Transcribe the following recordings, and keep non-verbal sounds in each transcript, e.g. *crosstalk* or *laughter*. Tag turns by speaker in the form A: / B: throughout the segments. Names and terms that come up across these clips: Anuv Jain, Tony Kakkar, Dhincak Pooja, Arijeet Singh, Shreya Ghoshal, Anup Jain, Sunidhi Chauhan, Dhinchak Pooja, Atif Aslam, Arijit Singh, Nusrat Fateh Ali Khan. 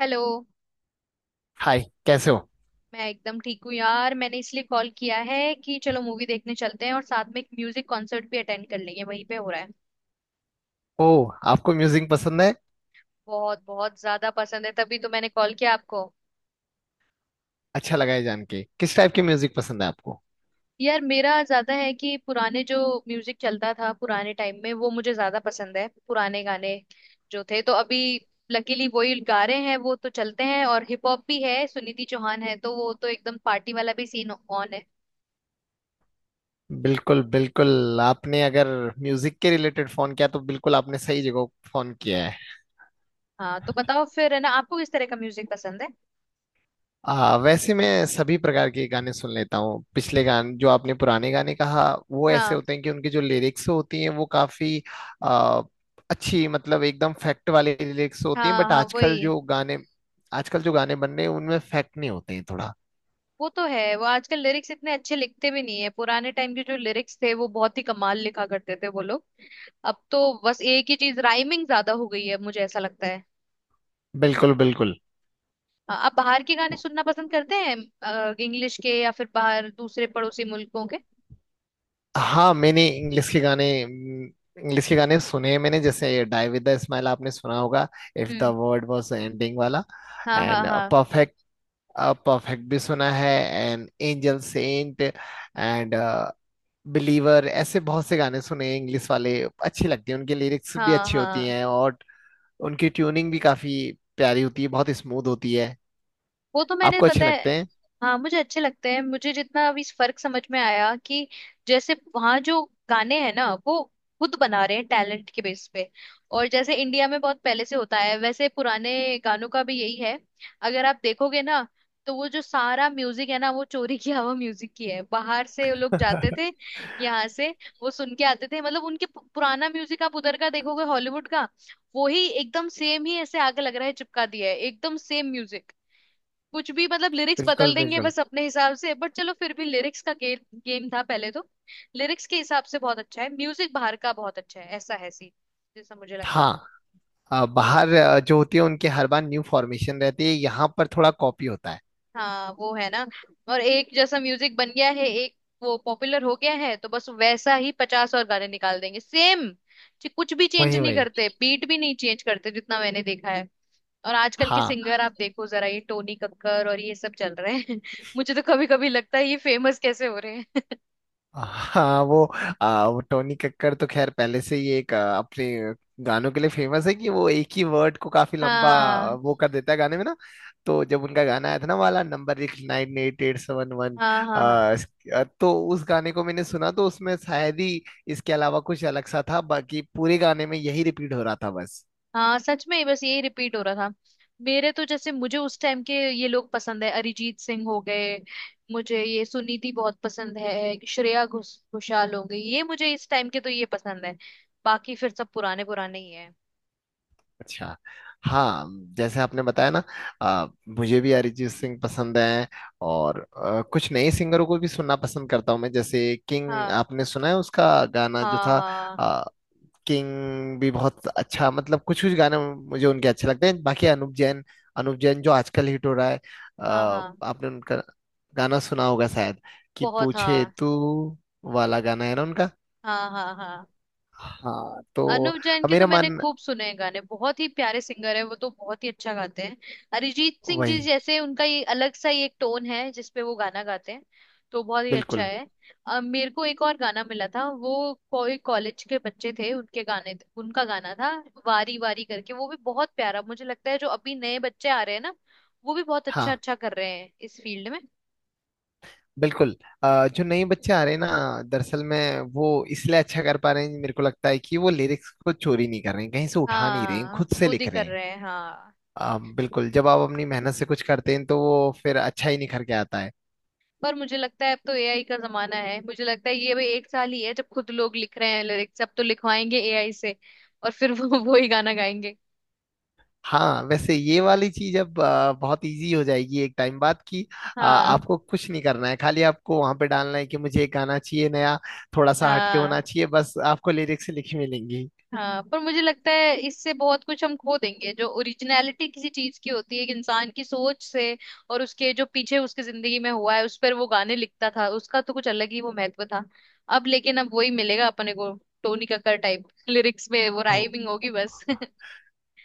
A: Hello.
B: Hi, कैसे हो?
A: मैं एकदम ठीक हूँ यार। मैंने इसलिए कॉल किया है कि चलो मूवी देखने चलते हैं और साथ में एक म्यूजिक कॉन्सर्ट भी अटेंड कर लेंगे, वहीं पे हो रहा है।
B: ओह, आपको म्यूजिक पसंद है?
A: बहुत बहुत ज्यादा पसंद है, तभी तो मैंने कॉल किया आपको।
B: अच्छा लगा है जान के। किस टाइप के म्यूजिक पसंद है आपको?
A: यार मेरा ज्यादा है कि पुराने जो म्यूजिक चलता था पुराने टाइम में वो मुझे ज्यादा पसंद है। पुराने गाने जो थे तो अभी लकीली वही गा रहे हैं, वो तो चलते हैं। और हिप हॉप भी है, सुनिधि चौहान है, तो वो तो एकदम पार्टी वाला भी सीन ऑन है।
B: बिल्कुल बिल्कुल, आपने अगर म्यूजिक के रिलेटेड फोन किया तो बिल्कुल आपने सही जगह फोन किया है।
A: हाँ तो बताओ फिर, है ना, आपको किस तरह का म्यूजिक पसंद है।
B: वैसे मैं सभी प्रकार के गाने सुन लेता हूँ। पिछले गाने जो आपने पुराने गाने कहा वो ऐसे
A: हाँ
B: होते हैं कि उनकी जो लिरिक्स होती हैं वो काफी आ, अच्छी, मतलब एकदम फैक्ट वाली लिरिक्स होती हैं।
A: हाँ
B: बट
A: हाँ, वही।
B: आजकल जो गाने बन रहे हैं उनमें फैक्ट नहीं होते हैं थोड़ा।
A: वो तो है, वो आजकल लिरिक्स इतने अच्छे लिखते भी नहीं है। पुराने टाइम के जो लिरिक्स थे वो बहुत ही कमाल लिखा करते थे वो लोग। अब तो बस एक ही चीज, राइमिंग ज्यादा हो गई है, मुझे ऐसा लगता है।
B: बिल्कुल बिल्कुल।
A: आप बाहर के गाने सुनना पसंद करते हैं? इंग्लिश के, या फिर बाहर दूसरे पड़ोसी मुल्कों के?
B: हाँ, मैंने इंग्लिश के गाने सुने हैं मैंने। जैसे ये डाई विद द स्माइल, आपने सुना होगा। If the
A: hmm.
B: World was ending वाला।
A: हाँ हाँ
B: एंड
A: हाँ।
B: परफेक्ट, परफेक्ट भी सुना है। And angel, sent and believer, ऐसे बहुत से गाने सुने हैं इंग्लिश वाले। अच्छे लगते हैं, उनके लिरिक्स भी
A: हाँ
B: अच्छी होती
A: हाँ।
B: हैं और उनकी ट्यूनिंग भी काफी प्यारी होती है, बहुत स्मूथ होती है।
A: वो तो मैंने
B: आपको अच्छे
A: पता है।
B: लगते हैं।
A: हाँ मुझे अच्छे लगते हैं। मुझे जितना अभी इस फर्क समझ में आया कि जैसे वहां जो गाने हैं ना, वो खुद बना रहे हैं टैलेंट के बेस पे। और जैसे इंडिया में बहुत पहले से होता है, वैसे पुराने गानों का भी यही है। अगर आप देखोगे ना, तो वो जो सारा म्यूजिक है ना, वो चोरी किया हुआ म्यूजिक ही है। बाहर से लोग जाते थे यहाँ से, वो सुन के आते थे। मतलब उनके पुराना म्यूजिक आप उधर का देखोगे, हॉलीवुड का, वो ही एकदम सेम ही ऐसे आगे लग रहा है, चिपका दिया है एकदम सेम म्यूजिक। कुछ भी मतलब लिरिक्स
B: बिल्कुल
A: बदल देंगे
B: बिल्कुल।
A: बस अपने हिसाब से, बट चलो फिर भी लिरिक्स का गेम गेम था पहले तो। लिरिक्स के हिसाब से बहुत अच्छा है म्यूजिक, बाहर का बहुत अच्छा है, ऐसा है सीन, जैसा मुझे लगता है।
B: हाँ। बाहर जो होती है उनके हर बार न्यू फॉर्मेशन रहती है। यहाँ पर थोड़ा कॉपी होता है।
A: हाँ वो है ना, और एक जैसा म्यूजिक बन गया है। एक वो पॉपुलर हो गया है तो बस वैसा ही पचास और गाने निकाल देंगे सेम, कुछ भी चेंज
B: वही
A: नहीं
B: वही।
A: करते, बीट भी नहीं चेंज करते, जितना मैंने देखा है। और आजकल के
B: हाँ
A: सिंगर आप देखो जरा, ये टोनी कक्कर और ये सब चल रहे हैं *laughs* मुझे तो कभी कभी लगता है ये फेमस कैसे हो रहे हैं।
B: हाँ। वो टोनी कक्कड़ तो खैर पहले से ही एक अपने गानों के लिए फेमस है, कि वो एक ही वर्ड को काफी लंबा
A: हाँ
B: वो कर देता है गाने में ना। तो जब उनका गाना आया था ना, वाला नंबर एक 9 8 8 7 1,
A: हाँ हाँ। हाँ
B: तो उस गाने को मैंने सुना तो उसमें शायद ही इसके अलावा कुछ अलग सा था, बाकी पूरे गाने में यही रिपीट हो रहा था बस।
A: हाँ सच में, बस यही रिपीट हो रहा था। मेरे तो जैसे मुझे उस टाइम के ये लोग पसंद है, अरिजीत सिंह हो गए, मुझे ये सुनीति बहुत पसंद है, श्रेया घोषाल हो गई, ये मुझे इस टाइम के तो ये पसंद है। बाकी फिर सब पुराने पुराने ही है।
B: अच्छा। हाँ, जैसे आपने बताया ना। आ, मुझे भी अरिजीत सिंह पसंद है। और कुछ नए सिंगरों को भी सुनना पसंद करता हूँ मैं। जैसे किंग,
A: हाँ
B: आपने सुना है उसका गाना जो
A: हाँ।
B: था?
A: हाँ
B: आ, किंग भी बहुत अच्छा, मतलब कुछ कुछ गाने मुझे उनके अच्छे लगते हैं। बाकी अनुप जैन जो आजकल हिट हो रहा है।
A: हाँ हाँ।
B: आपने उनका गाना सुना होगा शायद, कि
A: बहुत
B: पूछे
A: हाँ।
B: तू वाला गाना है ना उनका।
A: हाँ हाँ हाँ।
B: हाँ तो
A: अनुव जैन के तो
B: मेरा
A: मैंने
B: मन।
A: खूब सुने हैं गाने, बहुत ही प्यारे सिंगर है वो, तो बहुत ही अच्छा गाते हैं। अरिजीत सिंह जी
B: वही।
A: जैसे, उनका ये अलग सा ही एक टोन है जिसपे वो गाना गाते हैं, तो बहुत ही अच्छा
B: बिल्कुल।
A: है। मेरे को एक और गाना मिला था, वो कोई कॉलेज के बच्चे थे, उनके गाने उनका गाना था वारी वारी करके। वो भी बहुत प्यारा, मुझे लगता है जो अभी नए बच्चे आ रहे हैं ना, वो भी बहुत अच्छा
B: हाँ
A: अच्छा कर रहे हैं इस फील्ड में।
B: बिल्कुल। जो नए बच्चे आ रहे हैं ना, दरअसल में वो इसलिए अच्छा कर पा रहे हैं, मेरे को लगता है कि वो लिरिक्स को चोरी नहीं कर रहे हैं, कहीं से उठा नहीं रहे हैं,
A: हाँ
B: खुद से
A: खुद ही
B: लिख रहे
A: कर
B: हैं।
A: रहे हैं, हाँ।
B: बिल्कुल, जब आप अपनी मेहनत से कुछ करते हैं तो वो फिर अच्छा ही निखर के आता है।
A: पर मुझे लगता है अब तो एआई का जमाना है, मुझे लगता है ये भाई एक साल ही है जब खुद लोग लिख रहे हैं लिरिक्स, अब तो लिखवाएंगे एआई से, और फिर वो *laughs* वो ही गाना गाएंगे।
B: हाँ वैसे ये वाली चीज अब बहुत इजी हो जाएगी एक टाइम बाद, कि
A: हाँ
B: आपको कुछ नहीं करना है, खाली आपको वहां पे डालना है कि मुझे एक गाना चाहिए नया, थोड़ा सा हटके होना
A: हाँ
B: चाहिए, बस आपको लिरिक्स लिखी मिलेंगी।
A: हाँ। पर मुझे लगता है इससे बहुत कुछ हम खो देंगे, जो ओरिजिनलिटी किसी चीज की होती है एक इंसान की सोच से, और उसके जो पीछे उसकी जिंदगी में हुआ है उस पर वो गाने लिखता था, उसका तो कुछ अलग ही वो महत्व था। अब लेकिन अब वही मिलेगा अपने को, टोनी कक्कर टाइप लिरिक्स में वो
B: हो।
A: राइमिंग होगी बस *laughs*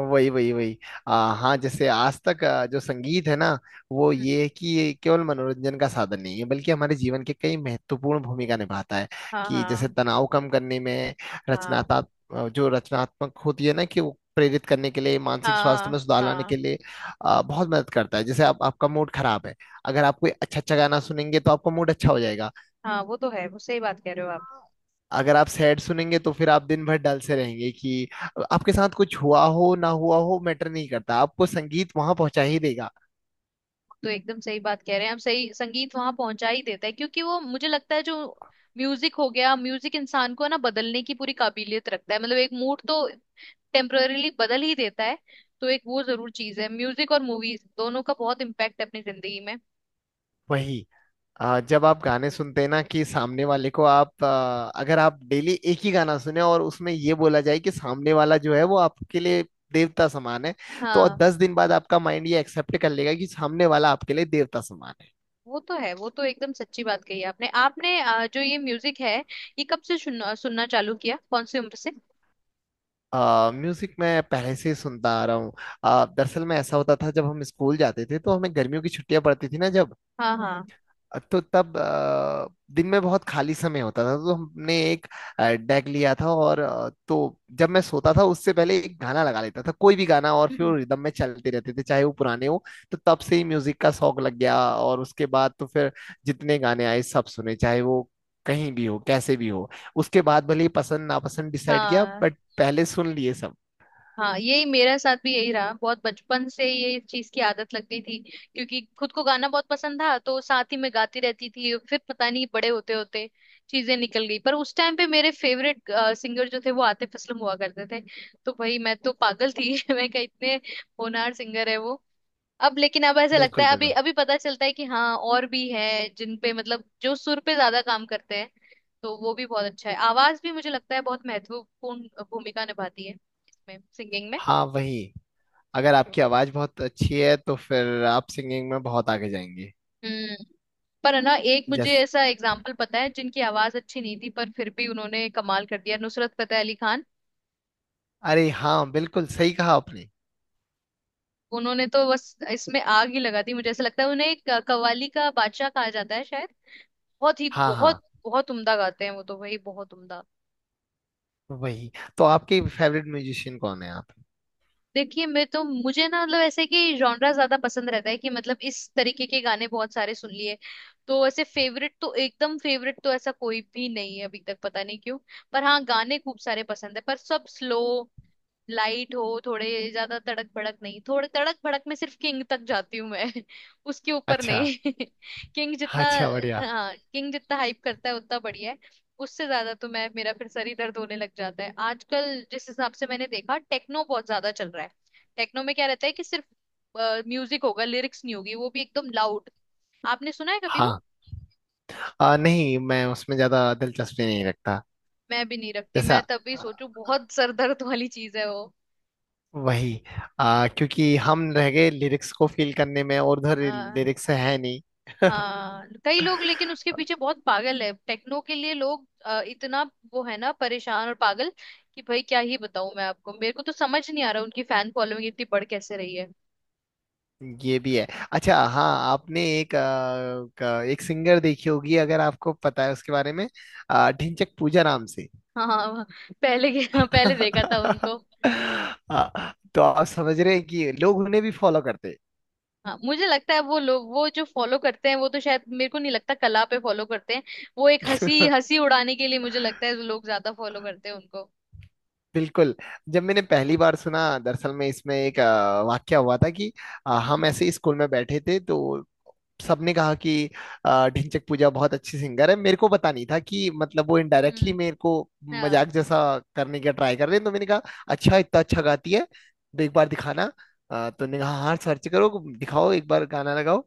B: वही वही वही। हाँ, जैसे आज तक जो संगीत है ना, वो
A: हम्म,
B: ये है कि ये केवल मनोरंजन का साधन नहीं है बल्कि हमारे जीवन के कई महत्वपूर्ण भूमिका निभाता है।
A: हाँ
B: कि जैसे
A: हाँ।
B: तनाव कम करने में,
A: हाँ
B: रचनात्मक, जो रचनात्मक होती है ना कि वो प्रेरित करने के लिए, मानसिक स्वास्थ्य में
A: हाँ
B: सुधार लाने के
A: हाँ।
B: लिए बहुत मदद करता है। जैसे आप, आपका मूड खराब है, अगर आप कोई अच्छा अच्छा गाना सुनेंगे तो आपका मूड अच्छा हो जाएगा।
A: हाँ वो तो है, वो सही बात कह रहे हो आप।
B: अगर आप सैड सुनेंगे तो फिर आप दिन भर डल से रहेंगे। कि आपके साथ कुछ हुआ हो ना हुआ हो मैटर नहीं करता, आपको संगीत वहां पहुंचा ही देगा।
A: तो एकदम सही बात कह रहे हैं हम, सही संगीत वहां पहुंचा ही देता है, क्योंकि वो मुझे लगता है जो म्यूजिक हो गया, म्यूजिक इंसान को ना बदलने की पूरी काबिलियत रखता है। मतलब एक मूड तो टेम्पररीली बदल ही देता है। तो एक वो जरूर चीज है, म्यूजिक और मूवीज दोनों का बहुत इम्पैक्ट है अपनी जिंदगी में।
B: वही। जब आप गाने सुनते हैं ना, कि सामने वाले को आप, अगर आप डेली एक ही गाना सुने और उसमें ये बोला जाए कि सामने वाला जो है वो आपके लिए देवता समान है, तो
A: हाँ
B: 10 दिन बाद आपका माइंड ये एक्सेप्ट कर लेगा कि सामने वाला आपके लिए देवता समान है।
A: वो तो है, वो तो एकदम सच्ची बात कही आपने। आपने जो ये म्यूजिक है, ये कब से सुनना सुनना चालू किया, कौन सी उम्र से?
B: म्यूजिक मैं पहले से ही सुनता आ रहा हूँ। दरअसल में ऐसा होता था, जब हम स्कूल जाते थे तो हमें गर्मियों की छुट्टियां पड़ती थी ना, जब,
A: हाँ हाँ।
B: तो तब दिन में बहुत खाली समय होता था, तो हमने एक डेक लिया था। और तो जब मैं सोता था उससे पहले एक गाना लगा लेता था, कोई भी गाना, और
A: हम्म।
B: फिर रिदम में चलते रहते थे, चाहे वो पुराने हो। तो तब से ही म्यूजिक का शौक लग गया। और उसके बाद तो फिर जितने गाने आए सब सुने, चाहे वो कहीं भी हो, कैसे भी हो। उसके बाद भले ही पसंद नापसंद डिसाइड किया,
A: हाँ
B: बट पहले सुन लिए सब।
A: हाँ यही, मेरे साथ भी यही रहा। बहुत बचपन से ये चीज की आदत लग गई थी, क्योंकि खुद को गाना बहुत पसंद था, तो साथ ही मैं गाती रहती थी। फिर पता नहीं बड़े होते होते चीजें निकल गई, पर उस टाइम पे मेरे फेवरेट सिंगर जो थे वो आतिफ असलम हुआ करते थे। तो भाई मैं तो पागल थी *laughs* मैं क्या, इतने होनहार सिंगर है वो। अब लेकिन अब ऐसा लगता
B: बिल्कुल
A: है, अभी
B: बिल्कुल।
A: अभी पता चलता है कि हाँ और भी है जिन पे मतलब जो सुर पे ज्यादा काम करते हैं, तो वो भी बहुत अच्छा है। आवाज भी मुझे लगता है बहुत महत्वपूर्ण भूमिका निभाती है इसमें, सिंगिंग में।
B: हाँ। वही। अगर आपकी आवाज बहुत अच्छी है तो फिर आप सिंगिंग में बहुत आगे जाएंगे।
A: हम्म। पर है ना, एक मुझे
B: जैस
A: ऐसा एग्जाम्पल पता है जिनकी आवाज अच्छी नहीं थी पर फिर भी उन्होंने कमाल कर दिया, नुसरत फतेह अली खान।
B: अरे हाँ, बिल्कुल सही कहा आपने।
A: उन्होंने तो बस इसमें आग ही लगा दी, मुझे ऐसा लगता है। उन्हें एक कव्वाली का बादशाह कहा जाता है शायद, बहुत ही
B: हाँ हाँ।
A: बहुत बहुत उम्दा गाते हैं वो तो भाई, बहुत उम्दा।
B: वही। तो आपके फेवरेट म्यूजिशियन कौन है आप?
A: देखिए मैं तो, मुझे ना मतलब ऐसे कि जॉनरा ज्यादा पसंद रहता है कि, मतलब इस तरीके के गाने बहुत सारे सुन लिए, तो ऐसे फेवरेट तो एकदम फेवरेट तो ऐसा कोई भी नहीं है अभी तक, पता नहीं क्यों। पर हाँ गाने खूब सारे पसंद है, पर सब स्लो लाइट हो, थोड़े ज्यादा तड़क भड़क नहीं। थोड़े तड़क भड़क में सिर्फ किंग तक जाती हूँ मैं *laughs* उसके ऊपर
B: अच्छा,
A: नहीं *laughs* किंग जितना।
B: अच्छा बढ़िया।
A: हाँ किंग जितना हाइप करता है उतना बढ़िया है, उससे ज्यादा तो मैं, मेरा फिर सर ही दर्द होने लग जाता है। आजकल जिस हिसाब से मैंने देखा टेक्नो बहुत ज्यादा चल रहा है। टेक्नो में क्या रहता है कि सिर्फ म्यूजिक होगा, लिरिक्स नहीं होगी, वो भी एकदम लाउड। आपने सुना है कभी वो?
B: हाँ। नहीं मैं उसमें ज्यादा दिलचस्पी नहीं रखता।
A: मैं भी नहीं रखती,
B: जैसा,
A: मैं तब भी
B: आ,
A: सोचू बहुत सर दर्द वाली चीज है वो।
B: वही। क्योंकि हम रह गए लिरिक्स को फील करने में और उधर
A: हाँ
B: लिरिक्स है नहीं।
A: हाँ कई लोग, लेकिन उसके पीछे बहुत पागल है टेक्नो के लिए लोग, इतना वो है ना, परेशान और पागल। कि भाई क्या ही बताऊं मैं आपको, मेरे को तो समझ नहीं आ रहा उनकी फैन फॉलोइंग इतनी बढ़ कैसे रही है।
B: ये भी है। अच्छा, हाँ, आपने एक एक सिंगर देखी होगी, अगर आपको पता है उसके बारे में, ढिंचक पूजा नाम से।
A: *laughs* हाँ हाँ, पहले के *laughs* हाँ, पहले देखा था
B: *laughs*
A: उनको।
B: तो आप समझ रहे हैं कि लोग उन्हें भी फॉलो करते
A: हाँ मुझे लगता है वो लोग, वो जो फॉलो करते हैं वो तो शायद मेरे को नहीं लगता कला पे फॉलो करते हैं। वो एक हंसी
B: हैं।
A: हंसी उड़ाने के लिए, मुझे लगता है लोग ज्यादा फॉलो करते हैं उनको।
B: *laughs* बिल्कुल। जब मैंने पहली बार सुना, दरअसल में इसमें एक वाक्य हुआ था, कि
A: हम्म।
B: हम ऐसे ही स्कूल में बैठे थे तो सबने कहा कि ढिंचैक पूजा बहुत अच्छी सिंगर है। मेरे को पता नहीं था कि मतलब वो इनडायरेक्टली
A: हम्म।
B: मेरे को
A: हाँ।
B: मजाक जैसा करने का ट्राई कर रहे हैं। तो मैंने कहा अच्छा, इतना अच्छा गाती है, तो एक बार दिखाना। तो ने कहा हाँ, सर्च करो, दिखाओ, एक बार गाना लगाओ।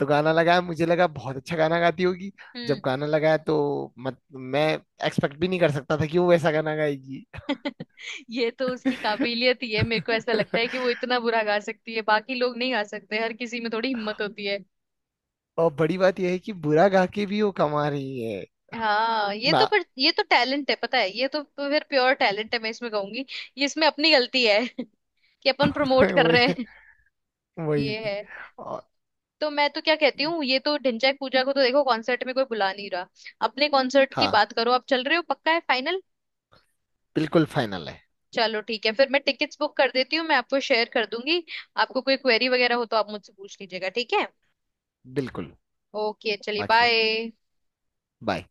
B: तो गाना लगाया, मुझे लगा बहुत अच्छा गाना गाती होगी। जब
A: हम्म।
B: गाना लगाया तो मत मैं एक्सपेक्ट भी नहीं कर सकता था कि वो वैसा गाना गाएगी।
A: ये तो उसकी काबिलियत ही है, मेरे को ऐसा लगता है कि वो
B: *laughs*
A: इतना बुरा गा सकती है, बाकी लोग नहीं गा सकते, हर किसी में थोड़ी हिम्मत होती है।
B: और बड़ी बात यह है कि बुरा गा के भी वो कमा रही है
A: हाँ ये
B: ना।
A: तो, पर ये तो टैलेंट है, पता है, ये तो फिर प्योर टैलेंट है मैं इसमें कहूंगी। ये इसमें अपनी गलती है *laughs* कि अपन
B: *laughs*
A: प्रमोट कर रहे
B: वही
A: हैं। ये
B: वही।
A: है।
B: और।
A: तो मैं तो क्या कहती हूँ, ये तो ढिंचैक पूजा को तो देखो कॉन्सर्ट में कोई बुला नहीं रहा। अपने कॉन्सर्ट की
B: हाँ,
A: बात करो, आप चल रहे हो, पक्का है, फाइनल?
B: बिल्कुल फाइनल है।
A: चलो ठीक है, फिर मैं टिकट्स बुक कर देती हूँ, मैं आपको शेयर कर दूंगी। आपको कोई क्वेरी वगैरह हो तो आप मुझसे पूछ लीजिएगा, ठीक है?
B: बिल्कुल।
A: ओके, चलिए,
B: बाकी है।
A: बाय।
B: बाय।